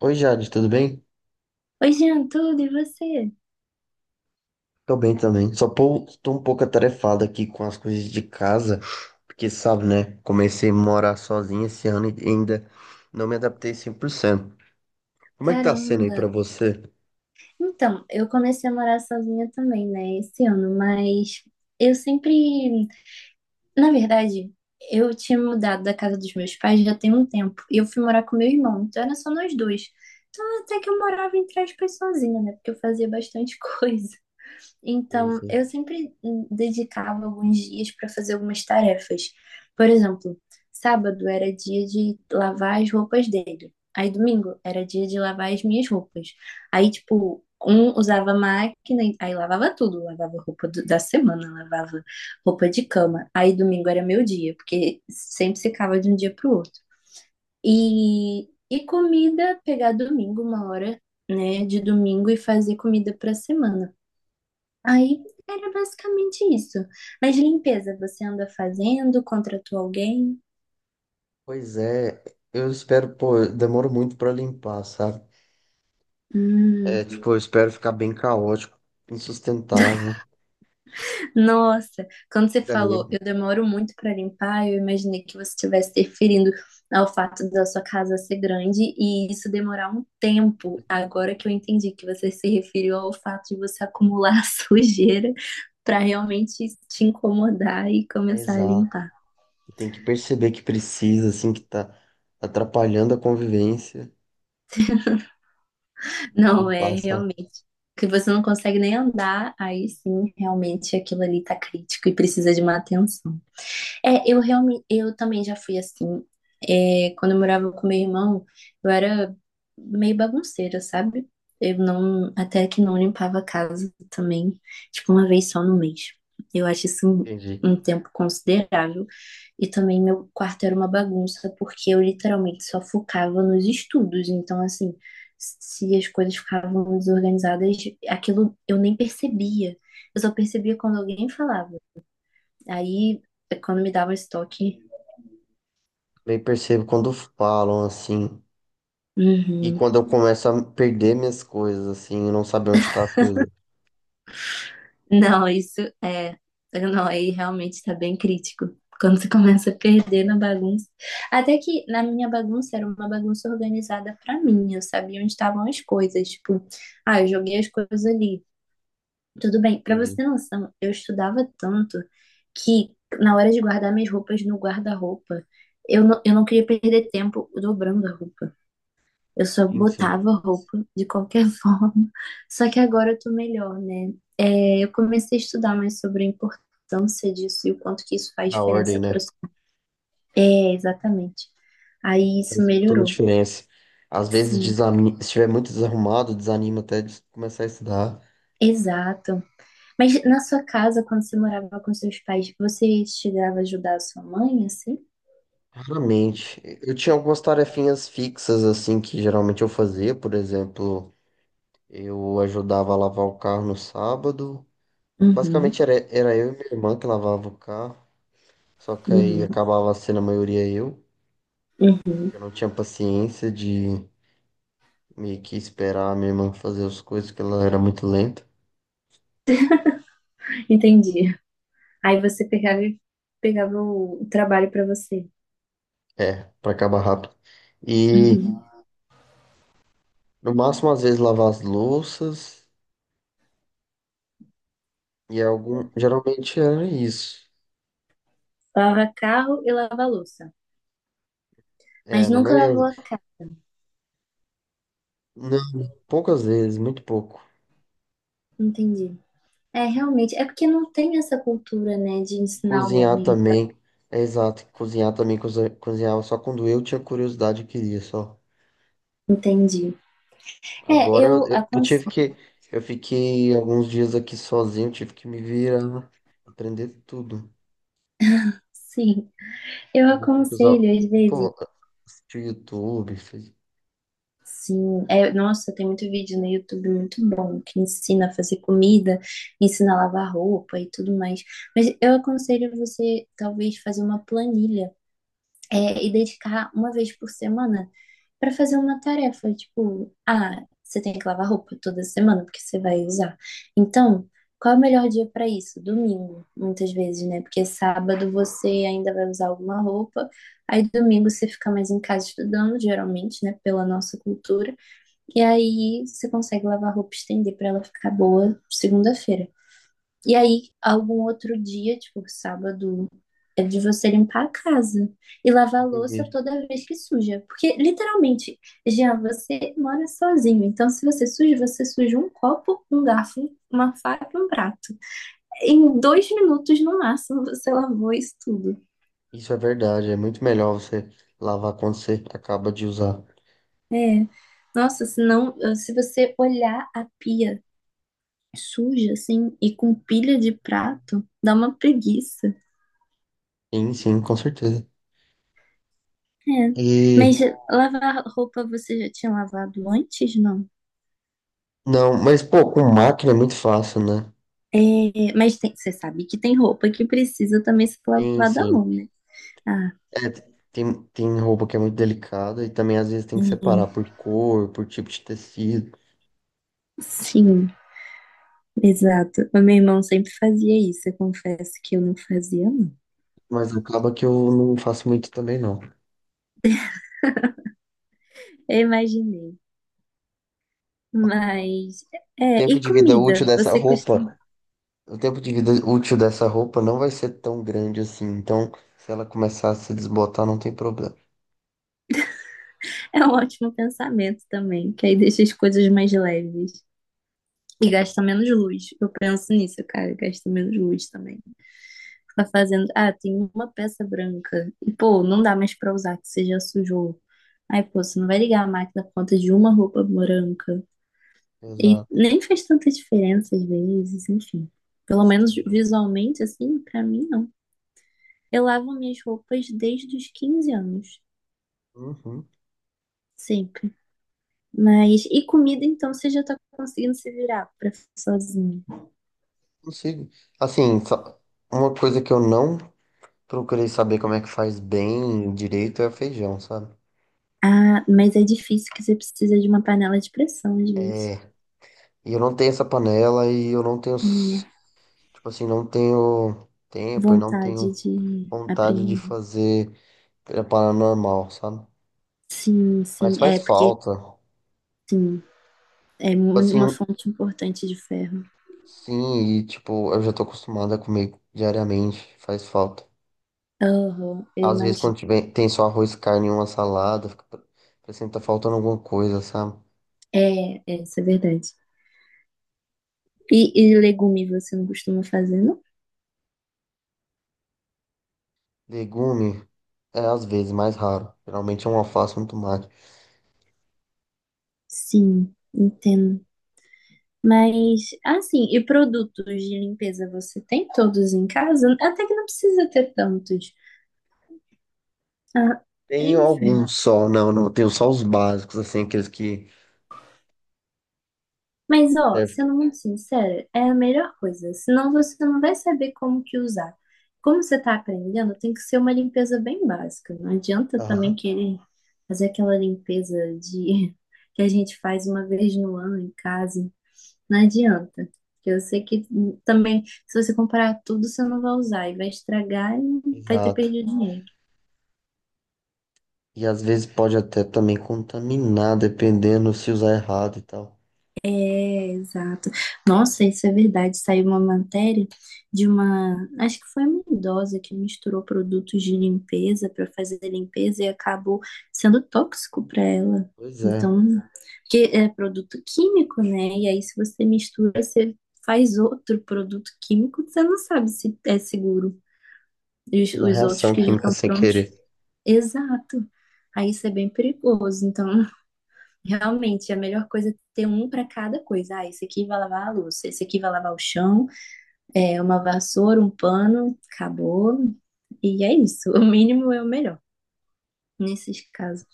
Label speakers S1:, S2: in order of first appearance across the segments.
S1: Oi, Jade, tudo bem?
S2: Oi, Jean, tudo e você?
S1: Tô bem também. Tô um pouco atarefado aqui com as coisas de casa, porque sabe, né? Comecei a morar sozinho esse ano e ainda não me adaptei 100%. Como é que tá sendo aí
S2: Caramba!
S1: pra você?
S2: Então, eu comecei a morar sozinha também, né, esse ano, mas eu sempre. Na verdade, eu tinha mudado da casa dos meus pais já tem um tempo, e eu fui morar com meu irmão, então era só nós dois. Então, até que eu morava, entre aspas, sozinha, né, porque eu fazia bastante coisa.
S1: Sei,
S2: Então,
S1: sei.
S2: eu sempre dedicava alguns dias para fazer algumas tarefas. Por exemplo, sábado era dia de lavar as roupas dele. Aí domingo era dia de lavar as minhas roupas. Aí, tipo, um usava máquina, aí lavava tudo, lavava da semana, lavava roupa de cama. Aí domingo era meu dia, porque sempre secava de um dia pro outro. E comida, pegar domingo uma hora, né, de domingo e fazer comida pra semana. Aí era basicamente isso. Mas limpeza, você anda fazendo? Contratou alguém?
S1: Pois é, eu espero, pô, eu demoro muito pra limpar, sabe?
S2: Hum,
S1: É, tipo, eu espero ficar bem caótico, insustentável.
S2: nossa, quando você falou,
S1: Daí,
S2: eu demoro muito para limpar, eu imaginei que você estivesse referindo ao fato da sua casa ser grande e isso demorar um tempo. Agora que eu entendi que você se referiu ao fato de você acumular sujeira para realmente te incomodar e
S1: é
S2: começar a
S1: exato.
S2: limpar.
S1: Tem que perceber que precisa, assim, que tá atrapalhando a convivência.
S2: Não, é
S1: Limpar, sabe?
S2: realmente. Que você não consegue nem andar, aí sim, realmente aquilo ali tá crítico e precisa de uma atenção. É, eu realmente, eu também já fui assim. É, quando eu morava com meu irmão, eu era meio bagunceira, sabe? Eu não, até que não limpava a casa também, tipo, uma vez só no mês. Eu acho isso
S1: Entendi.
S2: um tempo considerável. E também meu quarto era uma bagunça, porque eu literalmente só focava nos estudos. Então, assim, se as coisas ficavam desorganizadas, aquilo eu nem percebia. Eu só percebia quando alguém falava. Aí, quando me dava estoque.
S1: Eu percebo quando falam assim. E
S2: Uhum.
S1: quando eu começo a perder minhas coisas, assim, e não saber onde tá as coisas.
S2: Não, isso é. Não, aí realmente tá bem crítico. Quando você começa a perder na bagunça. Até que na minha bagunça era uma bagunça organizada pra mim. Eu sabia onde estavam as coisas. Tipo, ah, eu joguei as coisas ali. Tudo bem. Pra você
S1: Entendi.
S2: ter noção, eu estudava tanto que na hora de guardar minhas roupas no guarda-roupa, eu não queria perder tempo dobrando a roupa. Eu só
S1: Sim, sim.
S2: botava roupa de qualquer forma. Só que agora eu tô melhor, né? É, eu comecei a estudar mais sobre a importância disso e o quanto que isso faz
S1: Da ordem,
S2: diferença para
S1: né?
S2: É, exatamente. Aí isso
S1: Faz toda a
S2: melhorou.
S1: diferença. Às vezes,
S2: Sim,
S1: desani... se estiver muito desarrumado, desanima até de começar a estudar.
S2: exato. Mas na sua casa, quando você morava com seus pais, você chegava a ajudar a sua mãe, assim?
S1: Raramente. Eu tinha algumas tarefinhas fixas, assim, que geralmente eu fazia. Por exemplo, eu ajudava a lavar o carro no sábado.
S2: Uhum,
S1: Basicamente, era eu e minha irmã que lavava o carro. Só que aí
S2: uhum,
S1: acabava sendo a maioria eu.
S2: uhum.
S1: Eu não tinha paciência de meio que esperar a minha irmã fazer as coisas, que ela era muito lenta.
S2: Entendi. Aí você pegava, pegava o trabalho para você.
S1: É, pra acabar rápido. E
S2: Uhum.
S1: no máximo, às vezes, lavar as louças e algum. Geralmente era isso.
S2: Lava carro e lava louça.
S1: É,
S2: Mas
S1: na
S2: nunca
S1: maioria das
S2: levou a
S1: vezes.
S2: cabo,
S1: Não, poucas vezes, muito pouco.
S2: entendi. É, realmente, é porque não tem essa cultura, né, de
S1: E
S2: ensinar o
S1: cozinhar
S2: homem.
S1: também. É exato, cozinhar também, cozinhava só quando eu tinha curiosidade e queria só.
S2: Entendi. É,
S1: Agora eu,
S2: eu
S1: eu tive
S2: aconselho,
S1: que. Eu fiquei alguns dias aqui sozinho, tive que me virar, aprender tudo.
S2: sim. Eu
S1: Usar,
S2: aconselho, às vezes,
S1: pô, assistir o YouTube,
S2: sim. É, nossa, tem muito vídeo no YouTube muito bom que ensina a fazer comida, ensina a lavar roupa e tudo mais. Mas eu aconselho você, talvez, fazer uma planilha. É, e dedicar uma vez por semana para fazer uma tarefa, tipo, ah, você tem que lavar roupa toda semana porque você vai usar. Então, qual é o melhor dia para isso? Domingo, muitas vezes, né? Porque sábado você ainda vai usar alguma roupa, aí domingo você fica mais em casa estudando, geralmente, né, pela nossa cultura, e aí você consegue lavar a roupa e estender para ela ficar boa segunda-feira. E aí, algum outro dia, tipo, sábado, é de você limpar a casa e lavar a louça
S1: entendi.
S2: toda vez que suja. Porque, literalmente, Jean, você mora sozinho. Então, se você suja, você suja um copo, um garfo, uma faca e um prato. Em dois minutos, no máximo, você lavou isso tudo.
S1: Isso é verdade, é muito melhor você lavar quando você acaba de usar.
S2: É. Nossa, senão, se você olhar a pia suja, assim, e com pilha de prato, dá uma preguiça.
S1: Sim, sim, com certeza.
S2: É, mas
S1: E
S2: lavar roupa você já tinha lavado antes, não?
S1: não, mas pô, com máquina é muito fácil, né?
S2: É, você sabe que tem roupa que precisa também ser
S1: Sim,
S2: lavada à
S1: sim.
S2: mão, né? Ah,
S1: É, tem, tem roupa que é muito delicada e também às vezes tem que
S2: hum,
S1: separar por cor, por tipo de tecido.
S2: sim, exato. O meu irmão sempre fazia isso, eu confesso que eu não fazia, não.
S1: Mas acaba que eu não faço muito também, não.
S2: Eu imaginei. Mas, é,
S1: Tempo
S2: e
S1: de vida útil
S2: comida?
S1: dessa
S2: Você
S1: roupa.
S2: costuma.
S1: O tempo de vida útil dessa roupa não vai ser tão grande assim. Então, se ela começar a se desbotar, não tem problema.
S2: É um ótimo pensamento também, que aí deixa as coisas mais leves. E gasta menos luz. Eu penso nisso, cara, gasta menos luz também. Ficar fazendo, ah, tem uma peça branca. E, pô, não dá mais pra usar, que você já sujou. Aí, pô, você não vai ligar a máquina por conta de uma roupa branca. E
S1: Exato.
S2: nem faz tanta diferença às vezes, enfim. Pelo menos visualmente, assim, pra mim, não. Eu lavo minhas roupas desde os 15 anos,
S1: Uhum.
S2: sempre. Mas, e comida, então, você já tá conseguindo se virar pra sozinho.
S1: Consigo. Assim, só uma coisa que eu não procurei saber como é que faz bem direito é feijão, sabe?
S2: Ah, mas é difícil que você precisa de uma panela de pressão, às vezes.
S1: E eu não tenho essa panela e eu não tenho,
S2: É,
S1: tipo assim, não tenho tempo e não
S2: vontade
S1: tenho
S2: de
S1: vontade de
S2: aprender.
S1: fazer preparar normal, sabe?
S2: Sim,
S1: Mas
S2: sim.
S1: faz
S2: É, porque,
S1: falta. Tipo.
S2: sim, é uma
S1: Assim,
S2: fonte importante de ferro.
S1: sim, e tipo, eu já tô acostumada a comer diariamente, faz falta.
S2: Aham, eu
S1: Às vezes quando
S2: imagino.
S1: tiver, tem só arroz, carne e uma salada, fica parecendo que tá faltando alguma coisa, sabe?
S2: É, é, isso é verdade. E legume você não costuma fazer, não?
S1: Legume, é às vezes mais raro. Geralmente é um alface e um tomate.
S2: Sim, entendo. Mas, assim, e produtos de limpeza você tem todos em casa? Até que não precisa ter tantos. Ah,
S1: Tenho
S2: enfim.
S1: alguns só, não, não, tenho só os básicos, assim, aqueles que
S2: Mas, ó,
S1: servem.
S2: sendo muito sincera, é a melhor coisa. Senão você não vai saber como que usar. Como você tá aprendendo, tem que ser uma limpeza bem básica. Não adianta também
S1: Aham,
S2: querer fazer aquela limpeza de que a gente faz uma vez no ano em casa. Não adianta. Porque eu sei que também, se você comprar tudo, você não vai usar e vai estragar e vai ter
S1: exato.
S2: perdido dinheiro.
S1: E às vezes pode até também contaminar, dependendo se usar errado e tal.
S2: É, exato. Nossa, isso é verdade. Saiu uma matéria de uma, acho que foi uma idosa que misturou produtos de limpeza para fazer limpeza e acabou sendo tóxico para ela.
S1: Pois é,
S2: Então, porque é produto químico, né? E aí, se você mistura, você faz outro produto químico, você não sabe se é seguro. E os,
S1: faz uma
S2: os outros
S1: reação
S2: que já
S1: química
S2: estão
S1: sem
S2: prontos.
S1: querer.
S2: Exato. Aí isso é bem perigoso. Então, realmente, a melhor coisa é ter um para cada coisa. Ah, esse aqui vai lavar a louça, esse aqui vai lavar o chão, é uma vassoura, um pano, acabou. E é isso, o mínimo é o melhor nesses casos.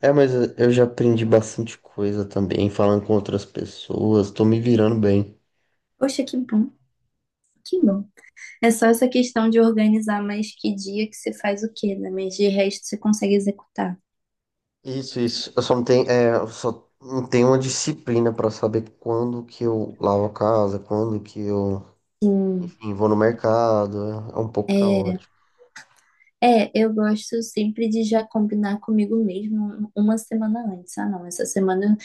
S1: É, mas eu já aprendi bastante coisa também, falando com outras pessoas, tô me virando bem.
S2: Poxa, que bom, que bom. É só essa questão de organizar mais que dia que você faz o quê, né? Mas de resto você consegue executar.
S1: Isso, isso. Eu só não tenho, é, eu só não tenho uma disciplina pra saber quando que eu lavo a casa, quando que eu,
S2: Sim.
S1: enfim, vou no mercado. É é um pouco caótico.
S2: É, eu gosto sempre de já combinar comigo mesmo uma semana antes. Ah, não, essa semana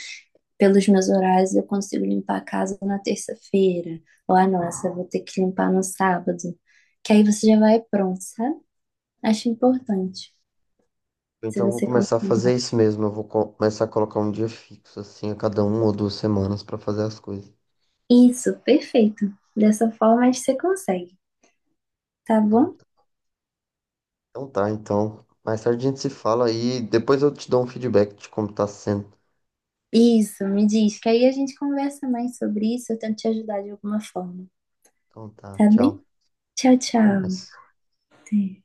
S2: pelos meus horários eu consigo limpar a casa na terça-feira. Ou, ah, nossa, eu vou ter que limpar no sábado. Que aí você já vai pronto, sabe? Acho importante, se
S1: Então eu vou
S2: você
S1: começar a
S2: conseguir.
S1: fazer isso mesmo. Eu vou começar a colocar um dia fixo, assim, a cada uma ou duas semanas pra fazer as coisas.
S2: Isso, perfeito. Dessa forma, acho que você consegue, tá
S1: Então,
S2: bom?
S1: então tá, então. Mais tarde a gente se fala e depois eu te dou um feedback de como tá sendo.
S2: Isso, me diz, que aí a gente conversa mais sobre isso, eu tento te ajudar de alguma forma,
S1: Então tá,
S2: tá
S1: tchau.
S2: bem? Tchau,
S1: Até
S2: tchau.
S1: mais.
S2: Até.